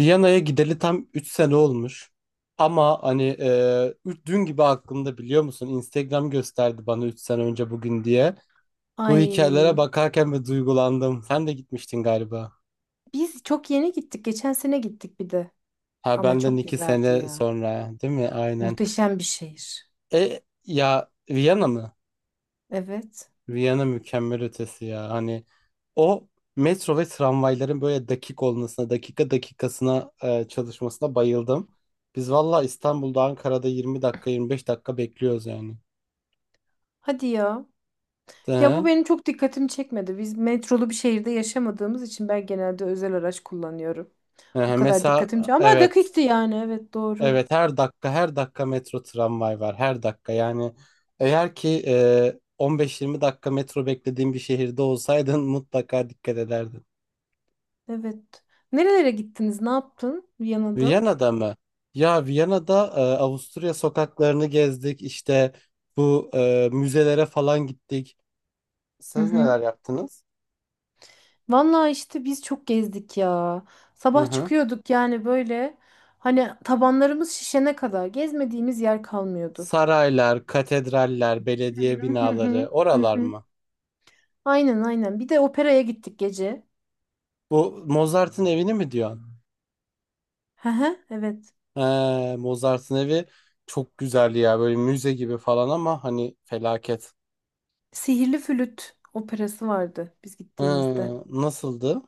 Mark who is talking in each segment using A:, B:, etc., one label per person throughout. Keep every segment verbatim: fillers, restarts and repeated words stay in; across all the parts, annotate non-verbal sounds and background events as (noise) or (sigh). A: Viyana'ya gideli tam üç sene olmuş. Ama hani e, ü- dün gibi aklımda biliyor musun? Instagram gösterdi bana üç sene önce bugün diye. Bu hikayelere
B: Ay,
A: bakarken ve duygulandım. Sen de gitmiştin galiba.
B: biz çok yeni gittik. Geçen sene gittik bir de.
A: Ha
B: Ama
A: benden
B: çok
A: iki
B: güzeldi
A: sene
B: ya.
A: sonra değil mi? Aynen.
B: Muhteşem bir şehir.
A: E ya Viyana mı?
B: Evet.
A: Viyana mükemmel ötesi ya. Hani o metro ve tramvayların böyle dakik olmasına, dakika dakikasına e, çalışmasına bayıldım. Biz valla İstanbul'da Ankara'da yirmi dakika yirmi beş dakika bekliyoruz yani.
B: Hadi ya.
A: Hı
B: Ya bu
A: hı.
B: benim çok dikkatimi çekmedi. Biz metrolu bir şehirde yaşamadığımız için ben genelde özel araç kullanıyorum.
A: Hı
B: O
A: hı.
B: kadar
A: Mesela
B: dikkatim çek- Ama
A: evet,
B: dakikti yani. Evet doğru.
A: evet, her dakika her dakika metro tramvay var her dakika yani eğer ki e, on beş yirmi dakika metro beklediğin bir şehirde olsaydın (laughs) mutlaka dikkat ederdin.
B: Evet. Nerelere gittiniz? Ne yaptın Viyana'da?
A: Viyana'da mı? Ya Viyana'da e, Avusturya sokaklarını gezdik. İşte bu e, müzelere falan gittik.
B: Hı
A: Siz
B: hı.
A: neler yaptınız?
B: Vallahi işte biz çok gezdik ya.
A: Hı
B: Sabah
A: hı.
B: çıkıyorduk yani böyle. Hani tabanlarımız şişene kadar gezmediğimiz yer kalmıyordu.
A: Saraylar, katedraller,
B: Hı
A: belediye
B: hı
A: binaları,
B: hı hı.
A: oralar
B: hı.
A: mı?
B: Aynen aynen. Bir de operaya gittik gece.
A: Bu Mozart'ın evini mi diyorsun?
B: Hı hı, evet.
A: He, Mozart'ın evi çok güzel ya. Böyle müze gibi falan ama hani felaket.
B: Sihirli Flüt operası vardı biz
A: He,
B: gittiğimizde.
A: nasıldı?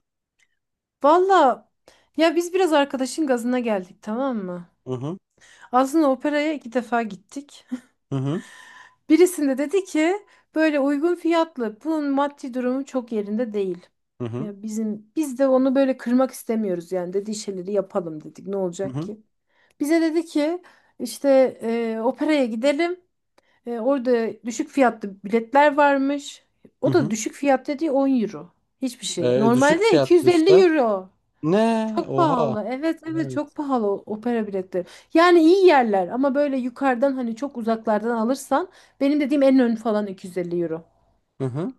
B: Valla, ya biz biraz arkadaşın gazına geldik, tamam mı?
A: Hı hı.
B: Aslında operaya iki defa gittik.
A: Hı hı.
B: (laughs) Birisinde dedi ki böyle uygun fiyatlı. Bunun maddi durumu çok yerinde değil.
A: Hı hı.
B: Ya bizim biz de onu böyle kırmak istemiyoruz yani, dediği şeyleri yapalım dedik. Ne
A: Hı
B: olacak
A: hı.
B: ki? Bize dedi ki işte e, operaya gidelim. E, orada düşük fiyatlı biletler varmış.
A: Hı
B: O da
A: hı.
B: düşük fiyat dediği on euro. Hiçbir şey.
A: E, düşük
B: Normalde
A: fiyatlı
B: 250
A: işte.
B: euro.
A: Ne?
B: Çok
A: Oha.
B: pahalı. Evet evet, çok
A: Evet.
B: pahalı o- opera biletleri. Yani iyi yerler ama böyle yukarıdan, hani çok uzaklardan alırsan, benim dediğim en ön falan iki yüz elli euro.
A: Hı hı.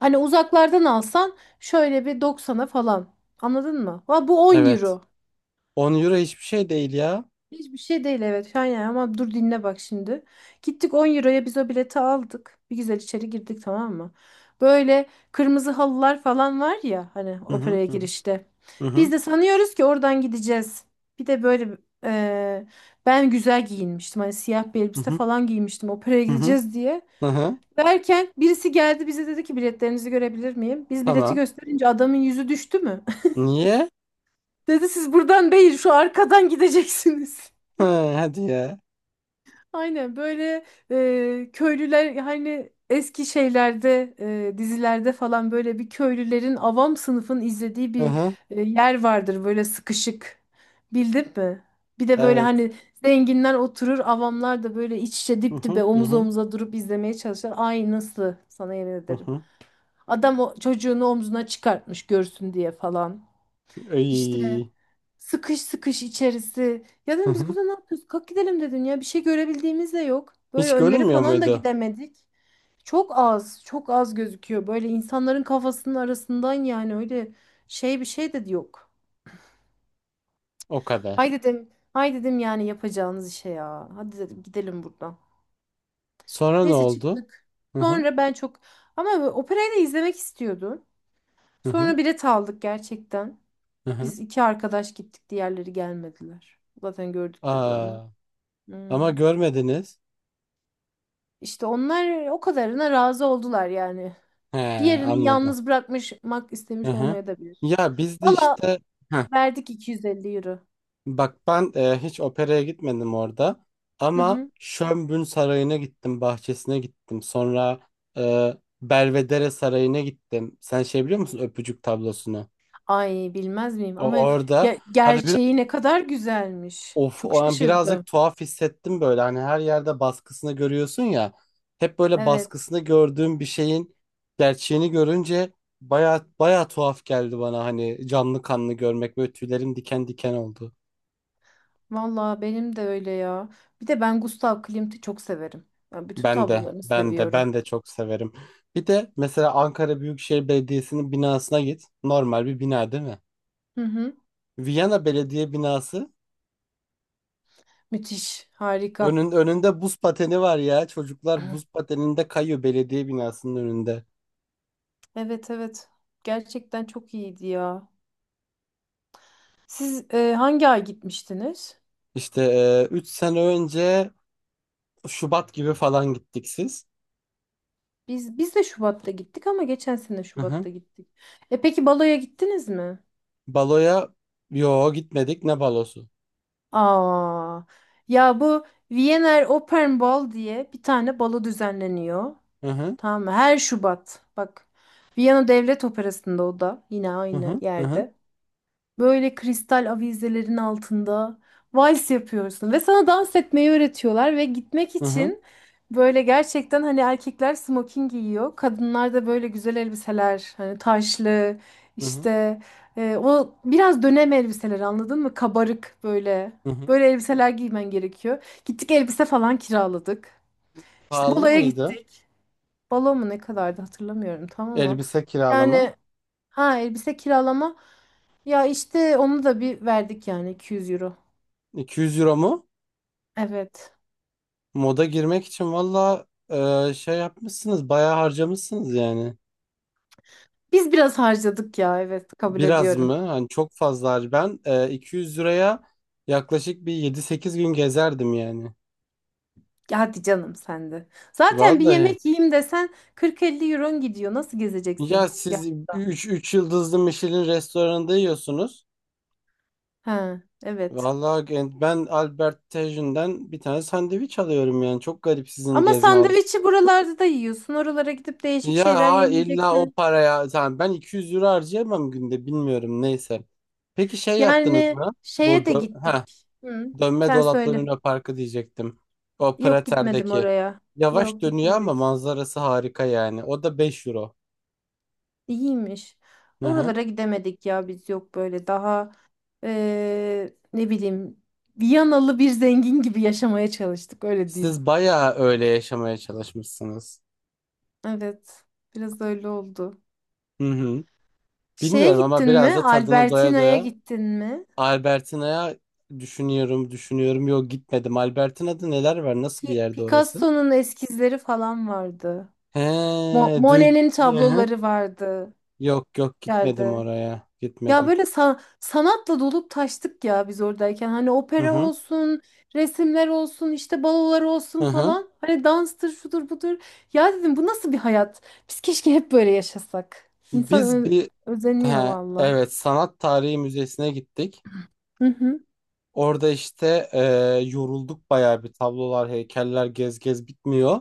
B: Hani uzaklardan alsan şöyle bir doksana falan. Anladın mı? Ha, bu 10
A: Evet.
B: euro.
A: On euro hiçbir şey değil ya.
B: Hiçbir şey değil, evet, şu an yani, ama dur dinle bak şimdi. Gittik, on euroya biz o bileti aldık. Bir güzel içeri girdik, tamam mı? Böyle kırmızı halılar falan var ya hani
A: Hı hı,
B: operaya
A: hı
B: girişte.
A: hı,
B: Biz
A: hı
B: de sanıyoruz ki oradan gideceğiz. Bir de böyle e, ben güzel giyinmiştim. Hani siyah bir
A: hı,
B: elbise
A: hı
B: falan giymiştim, operaya
A: hı, hı.
B: gideceğiz diye.
A: Hı hı. Hı.
B: Derken birisi geldi bize dedi ki biletlerinizi görebilir miyim? Biz bileti
A: Tamam.
B: gösterince adamın yüzü düştü mü?
A: Niye?
B: (laughs) Dedi siz buradan değil şu arkadan gideceksiniz.
A: Hı, hadi ya.
B: Aynen böyle e, köylüler, hani eski şeylerde, e, dizilerde falan, böyle bir köylülerin, avam sınıfın izlediği
A: Hı
B: bir
A: hı.
B: e, yer vardır böyle sıkışık, bildin mi? Bir de böyle
A: Evet.
B: hani zenginler oturur, avamlar da böyle iç içe,
A: Hı
B: dip
A: hı,
B: dibe,
A: hı
B: omuz
A: hı,
B: omuza durup izlemeye çalışır. Ay nasıl, sana yemin
A: hı
B: ederim.
A: hı.
B: Adam o çocuğunu omzuna çıkartmış görsün diye falan. İşte.
A: Ay.
B: Sıkış sıkış içerisi. Ya
A: Hı
B: dedim biz
A: hı.
B: burada ne yapıyoruz? Kalk gidelim dedim ya. Bir şey görebildiğimiz de yok. Böyle
A: Hiç
B: önleri
A: görünmüyor
B: falan da
A: muydu?
B: gidemedik. Çok az, çok az gözüküyor. Böyle insanların kafasının arasından yani, öyle şey bir şey de yok.
A: O kadar.
B: Hay dedim, hay dedim yani, yapacağınız işe ya. Hadi dedim, gidelim buradan.
A: Sonra ne
B: Neyse
A: oldu?
B: çıktık.
A: Hı hı,
B: Sonra ben çok ama operayı da izlemek istiyordum.
A: hı hı,
B: Sonra bilet aldık gerçekten.
A: hı hı.
B: Biz iki arkadaş gittik, diğerleri gelmediler. Zaten gördük dedi onlar.
A: Aa, ama
B: Hmm.
A: görmediniz.
B: İşte onlar o kadarına razı oldular yani.
A: He,
B: Diğerini
A: anladım.
B: yalnız bırakmak
A: Hı
B: istemiş
A: hı.
B: olmaya da bilir.
A: Ya biz de
B: Valla,
A: işte
B: verdik iki yüz elli euro.
A: bak ben e, hiç operaya gitmedim orada
B: Hı
A: ama
B: hı.
A: Schönbrunn Sarayı'na gittim, bahçesine gittim. Sonra e, Belvedere Sarayı'na gittim. Sen şey biliyor musun öpücük tablosunu?
B: Ay bilmez miyim, ama
A: O orada
B: ge-
A: hadi bir
B: gerçeği ne kadar güzelmiş.
A: of
B: Çok
A: o an birazcık
B: şaşırdım.
A: tuhaf hissettim böyle. Hani her yerde baskısını görüyorsun ya. Hep böyle
B: Evet,
A: baskısını gördüğüm bir şeyin gerçeğini görünce baya baya tuhaf geldi bana hani canlı kanlı görmek böyle tüylerim diken diken oldu.
B: valla benim de öyle ya. Bir de ben Gustav Klimt'i çok severim. Ben bütün
A: Ben de,
B: tablolarını
A: ben de,
B: seviyorum.
A: ben de çok severim. Bir de mesela Ankara Büyükşehir Belediyesi'nin binasına git. Normal bir bina değil mi?
B: Hı hı.
A: Viyana Belediye binası.
B: Müthiş harika.
A: Önün, önünde buz pateni var ya. Çocuklar buz pateninde kayıyor belediye binasının önünde.
B: Evet evet, gerçekten çok iyiydi ya. Siz e, hangi ay gitmiştiniz?
A: İşte üç sene önce Şubat gibi falan gittik siz.
B: Biz biz de Şubat'ta gittik, ama geçen sene
A: Hı hı.
B: Şubat'ta gittik. E peki, baloya gittiniz mi?
A: Baloya yo gitmedik, ne balosu?
B: Aa. Ya bu Wiener Opernball diye bir tane balo düzenleniyor.
A: Hı hı,
B: Tamam mı? Her Şubat. Bak. Viyana Devlet Operası'nda, o da yine
A: hı
B: aynı
A: hı, hı
B: yerde. Böyle kristal avizelerin altında vals yapıyorsun ve sana dans etmeyi öğretiyorlar, ve gitmek
A: hı, hı
B: için böyle gerçekten, hani erkekler smoking giyiyor. Kadınlar da böyle güzel elbiseler, hani taşlı,
A: hı, hı.
B: işte e, o biraz dönem elbiseleri, anladın mı? Kabarık böyle.
A: Hı hı.
B: Böyle elbiseler giymen gerekiyor. Gittik, elbise falan kiraladık. İşte
A: Pahalı
B: baloya
A: mıydı
B: gittik. Balo mu ne kadardı hatırlamıyorum tam, ama
A: elbise kiralama?
B: yani, ha, elbise kiralama. Ya işte onu da bir verdik yani, iki yüz euro.
A: iki yüz euro mu?
B: Evet.
A: Moda girmek için valla e, şey yapmışsınız bayağı harcamışsınız yani.
B: Biz biraz harcadık ya, evet kabul
A: Biraz
B: ediyorum.
A: mı? Hani çok fazla har- ben e, iki yüz liraya yaklaşık bir yedi sekiz gün gezerdim yani.
B: Ya hadi canım sen de. Zaten bir
A: Vallahi.
B: yemek yiyeyim desen kırk elli euron gidiyor. Nasıl
A: Ya
B: gezeceksin? Ya.
A: siz üç üç yıldızlı Michelin restoranında yiyorsunuz.
B: Ha evet.
A: Vallahi gen- ben Albert Tajin'den bir tane sandviç alıyorum yani. Çok garip sizin
B: Ama
A: gezme.
B: sandviçi buralarda da yiyorsun. Oralara gidip değişik
A: Ya
B: şeyler
A: ha, illa o
B: yemeyeceksen.
A: paraya tamam ben iki yüz euro harcayamam günde bilmiyorum neyse. Peki şey yaptınız
B: Yani
A: mı? Bu
B: şeye de
A: dö- ha
B: gittik. Hı,
A: dönme
B: sen
A: dolaplı
B: söyle.
A: Luna Parkı diyecektim. O
B: Yok, gitmedim
A: Prater'deki.
B: oraya.
A: Yavaş
B: Yok,
A: dönüyor ama
B: gitmedik.
A: manzarası harika yani. O da beş euro.
B: İyiymiş.
A: Hı hı.
B: Oralara gidemedik ya, biz yok, böyle daha eee, ne bileyim, Viyanalı bir zengin gibi yaşamaya çalıştık, öyle diyeyim.
A: Siz bayağı öyle yaşamaya çalışmışsınız.
B: Evet, biraz öyle oldu.
A: Hı hı.
B: Şeye
A: Bilmiyorum ama
B: gittin
A: biraz
B: mi?
A: da tadını doya
B: Albertina'ya
A: doya
B: gittin mi?
A: Albertina'ya düşünüyorum, düşünüyorum. Yok gitmedim. Albertina'da neler var? Nasıl bir
B: Pi-
A: yerde orası?
B: Picasso'nun eskizleri falan vardı.
A: He,
B: Mo-
A: duy.
B: Monet'in
A: Hı hı.
B: tabloları vardı.
A: Yok, yok, gitmedim
B: Geldi.
A: oraya.
B: Ya
A: Gitmedim.
B: böyle sa- sanatla dolup taştık ya biz oradayken. Hani
A: Hı
B: opera
A: hı.
B: olsun, resimler olsun, işte balolar
A: Hı
B: olsun
A: hı.
B: falan. Hani danstır, şudur budur. Ya dedim, bu nasıl bir hayat? Biz keşke hep böyle yaşasak. İnsan
A: Biz
B: ö-
A: bir
B: özeniyor
A: he,
B: valla.
A: evet Sanat Tarihi Müzesi'ne gittik.
B: Hı hı.
A: Orada işte e, yorulduk bayağı bir tablolar, heykeller gez gez bitmiyor.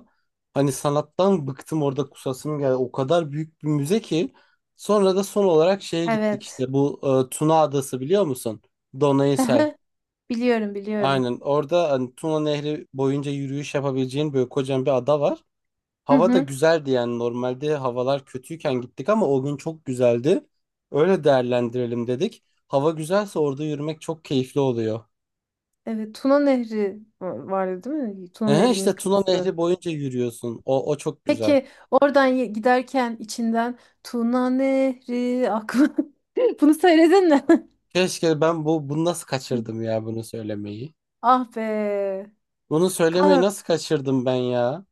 A: Hani sanattan bıktım orada kusasım geldi. O kadar büyük bir müze ki. Sonra da son olarak şeye gittik
B: Evet.
A: işte bu e, Tuna Adası biliyor musun? Donaysel.
B: (laughs) Biliyorum, biliyorum.
A: Aynen orada hani Tuna Nehri boyunca yürüyüş yapabileceğin böyle kocaman bir ada var.
B: Hı
A: Hava da
B: hı.
A: güzeldi yani normalde havalar kötüyken gittik ama o gün çok güzeldi. Öyle değerlendirelim dedik. Hava güzelse orada yürümek çok keyifli oluyor.
B: Evet, Tuna Nehri va- vardı değil mi? Tuna
A: Ehe,
B: Nehri'nin
A: işte Tuna
B: kıyısı.
A: Nehri boyunca yürüyorsun. O, o çok güzel.
B: Peki oradan ye- giderken içinden Tuna Nehri aklı. (laughs) Bunu söyledin mi?
A: Keşke ben bu bunu nasıl kaçırdım
B: (laughs)
A: ya bunu söylemeyi.
B: Ah be.
A: Bunu söylemeyi
B: Kahve
A: nasıl kaçırdım ben ya?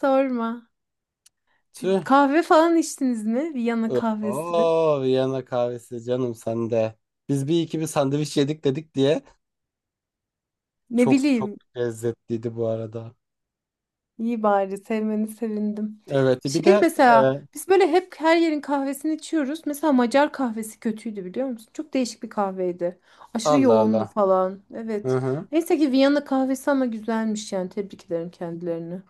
B: sorma.
A: Tüh.
B: Kahve falan içtiniz mi? Viyana
A: Ö-
B: kahvesi.
A: Oo, Viyana kahvesi canım sende. Biz bir iki bir sandviç yedik dedik diye
B: Ne
A: çok çok
B: bileyim.
A: lezzetliydi bu arada.
B: İyi, bari sevmeni sevindim.
A: Evet bir
B: Şey,
A: de e,
B: mesela biz böyle hep her yerin kahvesini içiyoruz. Mesela Macar kahvesi kötüydü, biliyor musun? Çok değişik bir kahveydi. Aşırı
A: Allah
B: yoğundu
A: Allah.
B: falan.
A: Hı
B: Evet.
A: hı.
B: Neyse ki Viyana kahvesi ama güzelmiş yani. Tebrik ederim kendilerini.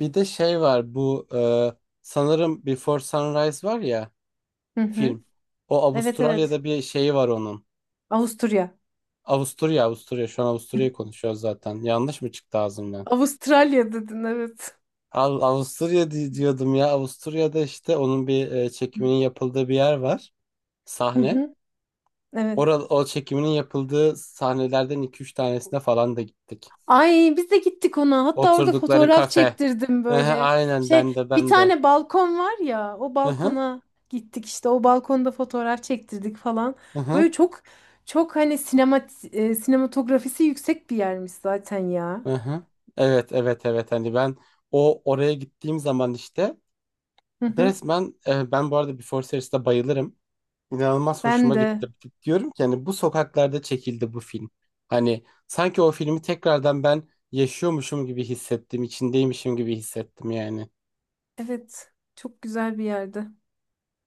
A: Bir de şey var bu e, sanırım Before Sunrise var ya
B: Hı hı.
A: film. O
B: Evet evet.
A: Avustralya'da bir şeyi var onun.
B: Avusturya.
A: Avusturya, Avusturya, şu an Avusturya'yı konuşuyoruz zaten. Yanlış mı çıktı ağzımdan?
B: Avustralya dedin, evet.
A: Av- Avusturya di- diyordum ya. Avusturya'da işte onun bir e, çekiminin yapıldığı bir yer var.
B: Hı
A: Sahne.
B: hı. Evet.
A: Orada o çekiminin yapıldığı sahnelerden iki üç tanesine falan da gittik.
B: Ay, biz de gittik ona. Hatta orada
A: Oturdukları
B: fotoğraf
A: kafe.
B: çektirdim
A: Hı,
B: böyle.
A: aynen,
B: Şey,
A: ben de,
B: bir
A: ben de.
B: tane balkon var ya, o
A: Hı
B: balkona gittik, işte o balkonda fotoğraf çektirdik falan.
A: hı.
B: Böyle çok çok hani sinema, e, sinematografisi yüksek bir yermiş zaten ya.
A: Aha. Evet, evet, evet, hani ben o oraya gittiğim zaman işte
B: Hı hı.
A: resmen e, ben bu arada Before Series'te bayılırım. İnanılmaz
B: Ben
A: hoşuma gitti.
B: de,
A: Diyorum ki hani bu sokaklarda çekildi bu film. Hani sanki o filmi tekrardan ben yaşıyormuşum gibi hissettim, içindeymişim gibi hissettim yani.
B: evet, çok güzel bir yerde.